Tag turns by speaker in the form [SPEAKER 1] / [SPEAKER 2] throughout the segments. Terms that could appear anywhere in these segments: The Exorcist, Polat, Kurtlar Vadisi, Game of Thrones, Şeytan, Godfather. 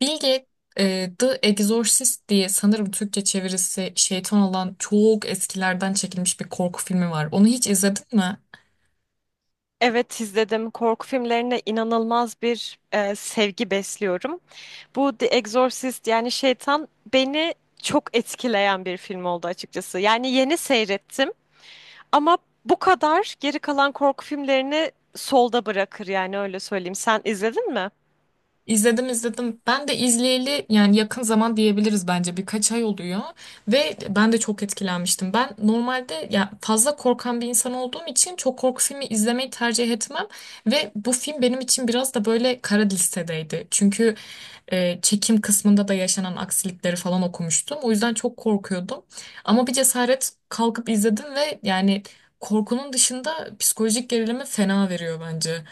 [SPEAKER 1] Bilge, The Exorcist diye sanırım Türkçe çevirisi şeytan olan çok eskilerden çekilmiş bir korku filmi var. Onu hiç izledin mi?
[SPEAKER 2] Evet, izledim. Korku filmlerine inanılmaz bir sevgi besliyorum. Bu The Exorcist, yani Şeytan, beni çok etkileyen bir film oldu açıkçası. Yani yeni seyrettim ama bu kadar geri kalan korku filmlerini solda bırakır, yani öyle söyleyeyim. Sen izledin mi?
[SPEAKER 1] İzledim. Ben de izleyeli yani yakın zaman diyebiliriz, bence birkaç ay oluyor ve ben de çok etkilenmiştim. Ben normalde ya fazla korkan bir insan olduğum için çok korku filmi izlemeyi tercih etmem ve bu film benim için biraz da böyle kara listedeydi. Çünkü çekim kısmında da yaşanan aksilikleri falan okumuştum. O yüzden çok korkuyordum. Ama bir cesaret kalkıp izledim ve yani korkunun dışında psikolojik gerilimi fena veriyor bence.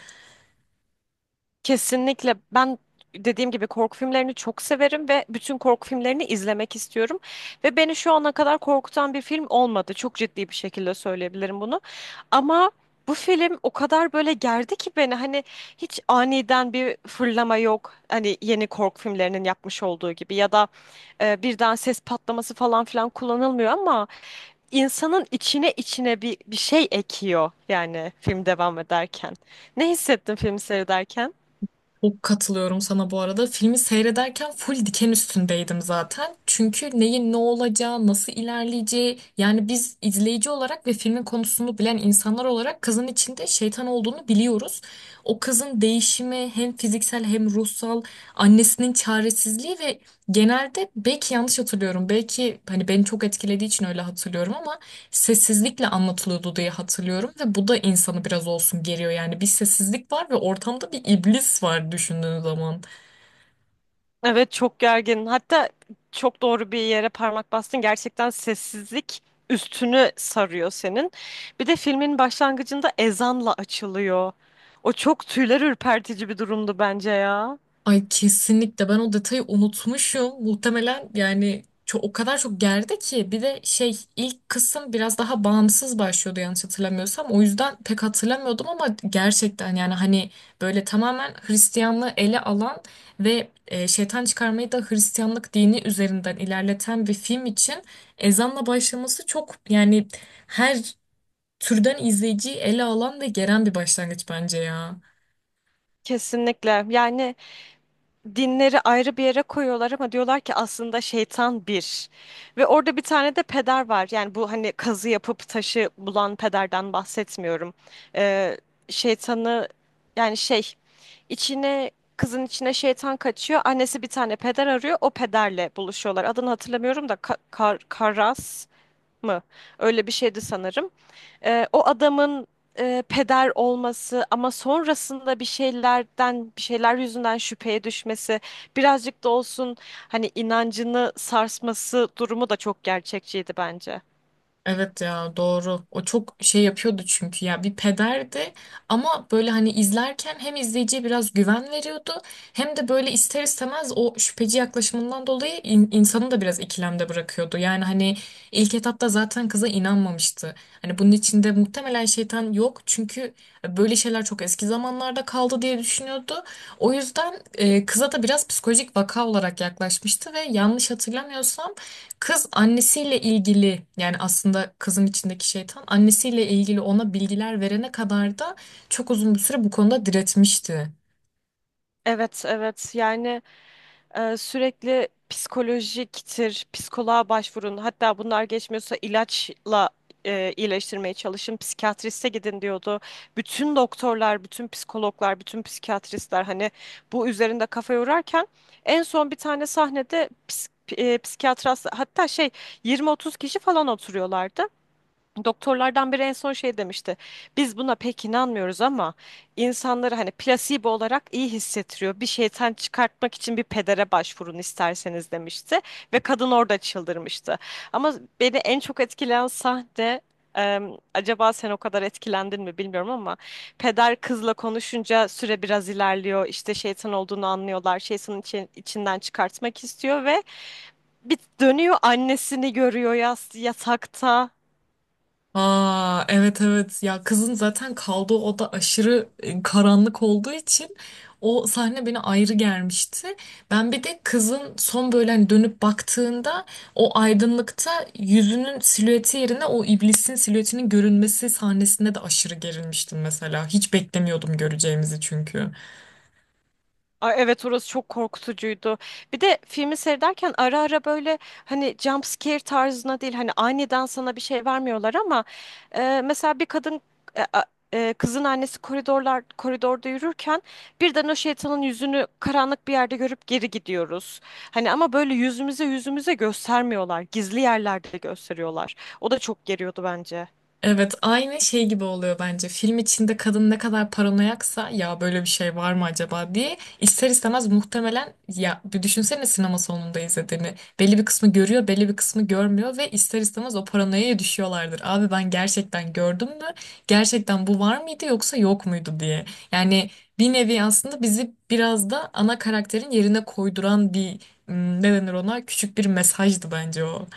[SPEAKER 2] Kesinlikle. Ben, dediğim gibi, korku filmlerini çok severim ve bütün korku filmlerini izlemek istiyorum. Ve beni şu ana kadar korkutan bir film olmadı. Çok ciddi bir şekilde söyleyebilirim bunu. Ama bu film o kadar böyle gerdi ki beni, hani hiç aniden bir fırlama yok. Hani yeni korku filmlerinin yapmış olduğu gibi ya da birden ses patlaması falan filan kullanılmıyor ama insanın içine içine bir şey ekiyor yani film devam ederken. Ne hissettin film seyrederken?
[SPEAKER 1] Çok katılıyorum sana bu arada. Filmi seyrederken full diken üstündeydim zaten. Çünkü neyin ne olacağı, nasıl ilerleyeceği yani biz izleyici olarak ve filmin konusunu bilen insanlar olarak kızın içinde şeytan olduğunu biliyoruz. O kızın değişimi hem fiziksel hem ruhsal, annesinin çaresizliği ve genelde belki yanlış hatırlıyorum. Belki hani beni çok etkilediği için öyle hatırlıyorum ama sessizlikle anlatılıyordu diye hatırlıyorum ve bu da insanı biraz olsun geriyor yani bir sessizlik var ve ortamda bir iblis var düşündüğün zaman.
[SPEAKER 2] Evet, çok gergin. Hatta çok doğru bir yere parmak bastın. Gerçekten sessizlik üstünü sarıyor senin. Bir de filmin başlangıcında ezanla açılıyor. O çok tüyler ürpertici bir durumdu bence ya.
[SPEAKER 1] Ay kesinlikle, ben o detayı unutmuşum. Muhtemelen yani çok, o kadar çok gerdi ki bir de şey ilk kısım biraz daha bağımsız başlıyordu yanlış hatırlamıyorsam. O yüzden pek hatırlamıyordum ama gerçekten yani hani böyle tamamen Hristiyanlığı ele alan ve şeytan çıkarmayı da Hristiyanlık dini üzerinden ilerleten bir film için ezanla başlaması çok yani her türden izleyiciyi ele alan ve geren bir başlangıç bence ya.
[SPEAKER 2] Kesinlikle. Yani dinleri ayrı bir yere koyuyorlar ama diyorlar ki aslında şeytan bir. Ve orada bir tane de peder var. Yani bu, hani kazı yapıp taşı bulan pederden bahsetmiyorum. Ee, şeytanı, yani şey içine, kızın içine şeytan kaçıyor. Annesi bir tane peder arıyor. O pederle buluşuyorlar. Adını hatırlamıyorum da Karas mı? Öyle bir şeydi sanırım. O adamın peder olması ama sonrasında bir şeylerden, bir şeyler yüzünden şüpheye düşmesi, birazcık da olsun hani inancını sarsması durumu da çok gerçekçiydi bence.
[SPEAKER 1] Evet ya doğru. O çok şey yapıyordu çünkü ya bir pederdi ama böyle hani izlerken hem izleyiciye biraz güven veriyordu hem de böyle ister istemez o şüpheci yaklaşımından dolayı insanı da biraz ikilemde bırakıyordu. Yani hani ilk etapta zaten kıza inanmamıştı. Hani bunun içinde muhtemelen şeytan yok çünkü böyle şeyler çok eski zamanlarda kaldı diye düşünüyordu. O yüzden kıza da biraz psikolojik vaka olarak yaklaşmıştı ve yanlış hatırlamıyorsam kız annesiyle ilgili, yani aslında kızın içindeki şeytan annesiyle ilgili ona bilgiler verene kadar da çok uzun bir süre bu konuda diretmişti.
[SPEAKER 2] Evet, evet. Sürekli psikolojiktir, psikoloğa başvurun. Hatta bunlar geçmiyorsa ilaçla iyileştirmeye çalışın, psikiyatriste gidin diyordu. Bütün doktorlar, bütün psikologlar, bütün psikiyatristler hani bu üzerinde kafa yorarken en son bir tane sahnede psikiyatras, hatta şey, 20-30 kişi falan oturuyorlardı. Doktorlardan biri en son şey demişti. Biz buna pek inanmıyoruz ama insanları hani plasebo olarak iyi hissettiriyor. Bir şeytan çıkartmak için bir pedere başvurun isterseniz demişti ve kadın orada çıldırmıştı. Ama beni en çok etkileyen sahne, acaba sen o kadar etkilendin mi bilmiyorum ama peder kızla konuşunca süre biraz ilerliyor. İşte şeytan olduğunu anlıyorlar. Şeytanın içinden çıkartmak istiyor ve bir dönüyor annesini görüyor yas yatakta.
[SPEAKER 1] Aa evet evet, ya kızın zaten kaldığı oda aşırı karanlık olduğu için o sahne beni ayrı gelmişti. Ben bir de kızın son böyle hani dönüp baktığında o aydınlıkta yüzünün silüeti yerine o iblisin silüetinin görünmesi sahnesinde de aşırı gerilmiştim mesela. Hiç beklemiyordum göreceğimizi çünkü.
[SPEAKER 2] Ay evet, orası çok korkutucuydu. Bir de filmi seyrederken ara ara böyle hani jump scare tarzına değil, hani aniden sana bir şey vermiyorlar ama mesela bir kadın, e, a- kızın annesi koridorda yürürken birden o şeytanın yüzünü karanlık bir yerde görüp geri gidiyoruz. Hani ama böyle yüzümüze yüzümüze göstermiyorlar. Gizli yerlerde gösteriyorlar. O da çok geriyordu bence.
[SPEAKER 1] Evet aynı şey gibi oluyor bence. Film içinde kadın ne kadar paranoyaksa ya böyle bir şey var mı acaba diye ister istemez muhtemelen ya bir düşünsene sinema salonunda izlediğini. Belli bir kısmı görüyor, belli bir kısmı görmüyor ve ister istemez o paranoyaya düşüyorlardır. Abi ben gerçekten gördüm mü? Gerçekten bu var mıydı yoksa yok muydu diye. Yani bir nevi aslında bizi biraz da ana karakterin yerine koyduran bir, ne denir ona, küçük bir mesajdı bence o.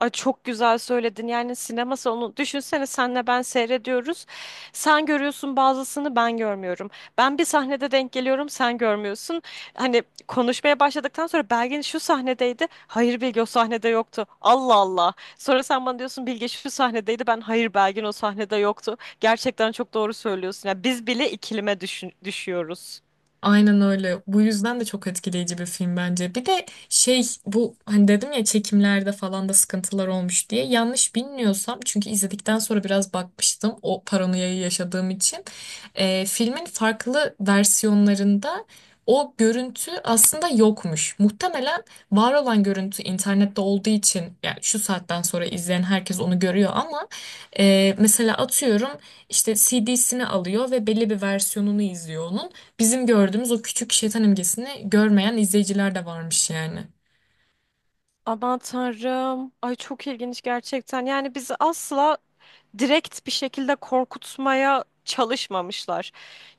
[SPEAKER 2] Ay çok güzel söyledin. Yani sinema salonu, düşünsene, senle ben seyrediyoruz. Sen görüyorsun bazısını, ben görmüyorum. Ben bir sahnede denk geliyorum, sen görmüyorsun. Hani konuşmaya başladıktan sonra Belgin şu sahnedeydi. Hayır, Bilge o sahnede yoktu. Allah Allah. Sonra sen bana diyorsun Bilge şu sahnedeydi. Ben hayır, Belgin o sahnede yoktu. Gerçekten çok doğru söylüyorsun. Yani biz bile ikilime düşüyoruz.
[SPEAKER 1] Aynen öyle. Bu yüzden de çok etkileyici bir film bence. Bir de şey, bu hani dedim ya çekimlerde falan da sıkıntılar olmuş diye. Yanlış bilmiyorsam çünkü izledikten sonra biraz bakmıştım o paranoyayı yaşadığım için. Filmin farklı versiyonlarında o görüntü aslında yokmuş. Muhtemelen var olan görüntü internette olduğu için yani şu saatten sonra izleyen herkes onu görüyor ama mesela atıyorum işte CD'sini alıyor ve belli bir versiyonunu izliyor onun, bizim gördüğümüz o küçük şeytan imgesini görmeyen izleyiciler de varmış yani.
[SPEAKER 2] Aman tanrım. Ay çok ilginç gerçekten. Yani bizi asla direkt bir şekilde korkutmaya çalışmamışlar.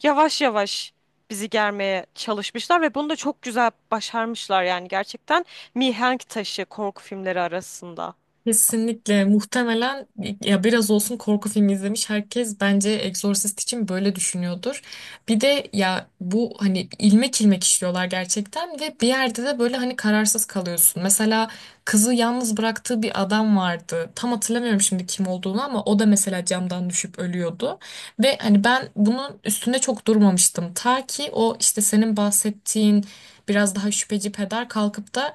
[SPEAKER 2] Yavaş yavaş bizi germeye çalışmışlar ve bunu da çok güzel başarmışlar, yani gerçekten mihenk taşı korku filmleri arasında.
[SPEAKER 1] Kesinlikle, muhtemelen ya biraz olsun korku filmi izlemiş herkes bence Exorcist için böyle düşünüyordur. Bir de ya bu hani ilmek ilmek işliyorlar gerçekten ve bir yerde de böyle hani kararsız kalıyorsun. Mesela kızı yalnız bıraktığı bir adam vardı. Tam hatırlamıyorum şimdi kim olduğunu ama o da mesela camdan düşüp ölüyordu. Ve hani ben bunun üstünde çok durmamıştım. Ta ki o işte senin bahsettiğin biraz daha şüpheci peder kalkıp da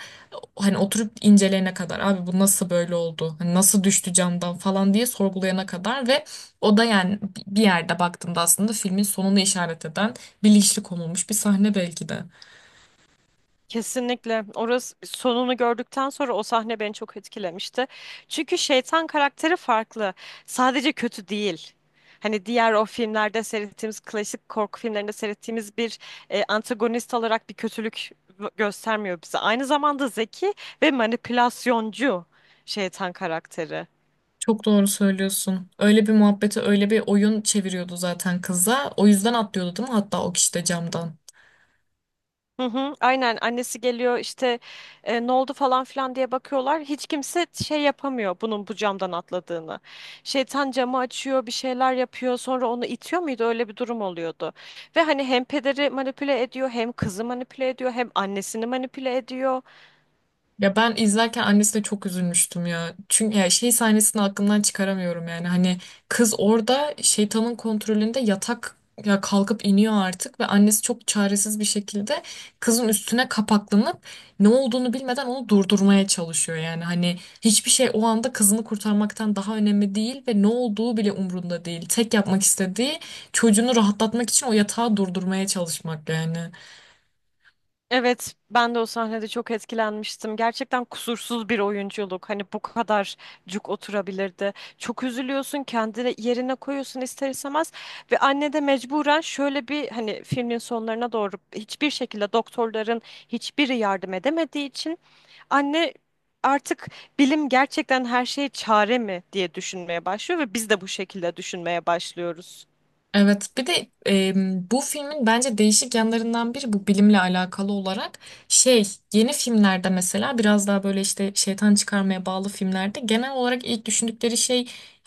[SPEAKER 1] hani oturup inceleyene kadar, abi bu nasıl böyle oldu? Hani nasıl düştü camdan falan diye sorgulayana kadar. Ve o da yani bir yerde baktığımda aslında filmin sonunu işaret eden bilinçli konulmuş bir sahne belki de.
[SPEAKER 2] Kesinlikle. Orası sonunu gördükten sonra o sahne beni çok etkilemişti. Çünkü şeytan karakteri farklı. Sadece kötü değil. Hani diğer o filmlerde seyrettiğimiz, klasik korku filmlerinde seyrettiğimiz bir antagonist olarak bir kötülük göstermiyor bize. Aynı zamanda zeki ve manipülasyoncu şeytan karakteri.
[SPEAKER 1] Çok doğru söylüyorsun. Öyle bir muhabbeti, öyle bir oyun çeviriyordu zaten kıza. O yüzden atlıyordu değil mi? Hatta o kişi de camdan.
[SPEAKER 2] Hı hı, aynen, annesi geliyor işte ne oldu falan filan diye bakıyorlar. Hiç kimse şey yapamıyor bunun bu camdan atladığını. Şeytan camı açıyor, bir şeyler yapıyor, sonra onu itiyor muydu, öyle bir durum oluyordu. Ve hani hem pederi manipüle ediyor, hem kızı manipüle ediyor, hem annesini manipüle ediyor.
[SPEAKER 1] Ya ben izlerken annesine çok üzülmüştüm ya. Çünkü ya şey sahnesini aklımdan çıkaramıyorum yani. Hani kız orada şeytanın kontrolünde yatak ya kalkıp iniyor artık ve annesi çok çaresiz bir şekilde kızın üstüne kapaklanıp ne olduğunu bilmeden onu durdurmaya çalışıyor yani. Hani hiçbir şey o anda kızını kurtarmaktan daha önemli değil ve ne olduğu bile umrunda değil. Tek yapmak istediği çocuğunu rahatlatmak için o yatağı durdurmaya çalışmak yani.
[SPEAKER 2] Evet, ben de o sahnede çok etkilenmiştim. Gerçekten kusursuz bir oyunculuk. Hani bu kadar cuk oturabilirdi. Çok üzülüyorsun, kendini yerine koyuyorsun ister istemez. Ve anne de mecburen şöyle bir, hani filmin sonlarına doğru hiçbir şekilde doktorların hiçbiri yardım edemediği için anne artık bilim gerçekten her şeye çare mi diye düşünmeye başlıyor ve biz de bu şekilde düşünmeye başlıyoruz.
[SPEAKER 1] Evet, bir de bu filmin bence değişik yanlarından biri bu, bilimle alakalı olarak şey, yeni filmlerde mesela biraz daha böyle işte şeytan çıkarmaya bağlı filmlerde genel olarak ilk düşündükleri şey,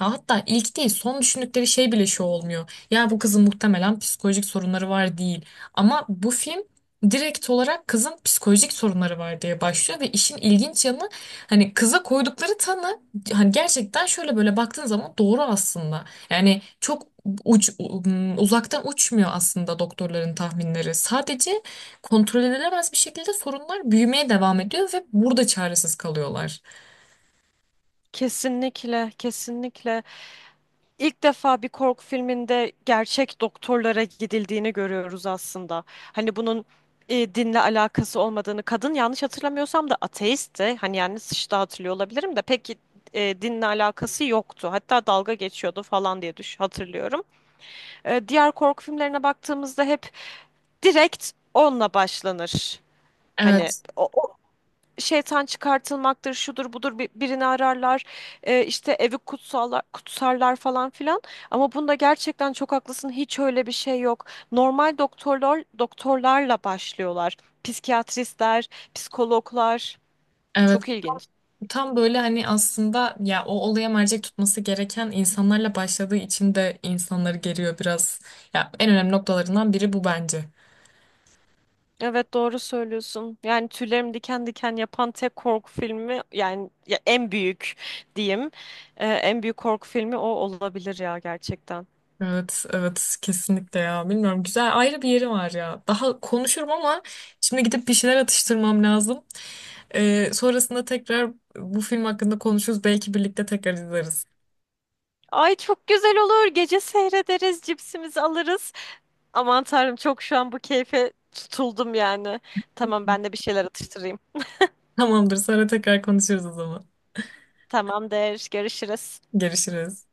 [SPEAKER 1] ya hatta ilk değil son düşündükleri şey bile şu olmuyor. Ya bu kızın muhtemelen psikolojik sorunları var değil, ama bu film direkt olarak kızın psikolojik sorunları var diye başlıyor ve işin ilginç yanı, hani kıza koydukları tanı hani gerçekten şöyle böyle baktığın zaman doğru aslında. Yani çok uzaktan uçmuyor aslında doktorların tahminleri. Sadece kontrol edilemez bir şekilde sorunlar büyümeye devam ediyor ve burada çaresiz kalıyorlar.
[SPEAKER 2] Kesinlikle, kesinlikle. İlk defa bir korku filminde gerçek doktorlara gidildiğini görüyoruz aslında. Hani bunun dinle alakası olmadığını, kadın yanlış hatırlamıyorsam da ateistti. Hani yani sıçta hatırlıyor olabilirim de pek dinle alakası yoktu. Hatta dalga geçiyordu falan diye düş hatırlıyorum. Diğer korku filmlerine baktığımızda hep direkt onunla başlanır. Hani
[SPEAKER 1] Evet,
[SPEAKER 2] o, şeytan çıkartılmaktır, şudur budur, birini ararlar, işte evi kutsallar, kutsarlar falan filan. Ama bunda gerçekten çok haklısın, hiç öyle bir şey yok. Normal doktorlar, doktorlarla başlıyorlar. Psikiyatristler, psikologlar.
[SPEAKER 1] evet.
[SPEAKER 2] Çok ilginç.
[SPEAKER 1] Tam böyle hani aslında ya o olaya mercek tutması gereken insanlarla başladığı için de insanları geriyor biraz. Ya en önemli noktalarından biri bu bence.
[SPEAKER 2] Evet, doğru söylüyorsun. Yani tüylerim diken diken yapan tek korku filmi, yani ya en büyük diyeyim. En büyük korku filmi o olabilir ya, gerçekten.
[SPEAKER 1] Evet, evet kesinlikle ya. Bilmiyorum, güzel ayrı bir yeri var ya. Daha konuşurum ama şimdi gidip bir şeyler atıştırmam lazım. Sonrasında tekrar bu film hakkında konuşuruz. Belki birlikte tekrar izleriz.
[SPEAKER 2] Ay çok güzel olur. Gece seyrederiz, cipsimizi alırız. Aman tanrım, çok şu an bu keyfe tutuldum yani. Tamam, ben de bir şeyler atıştırayım.
[SPEAKER 1] Tamamdır, sonra tekrar konuşuruz o zaman.
[SPEAKER 2] Tamamdır. Görüşürüz.
[SPEAKER 1] Görüşürüz.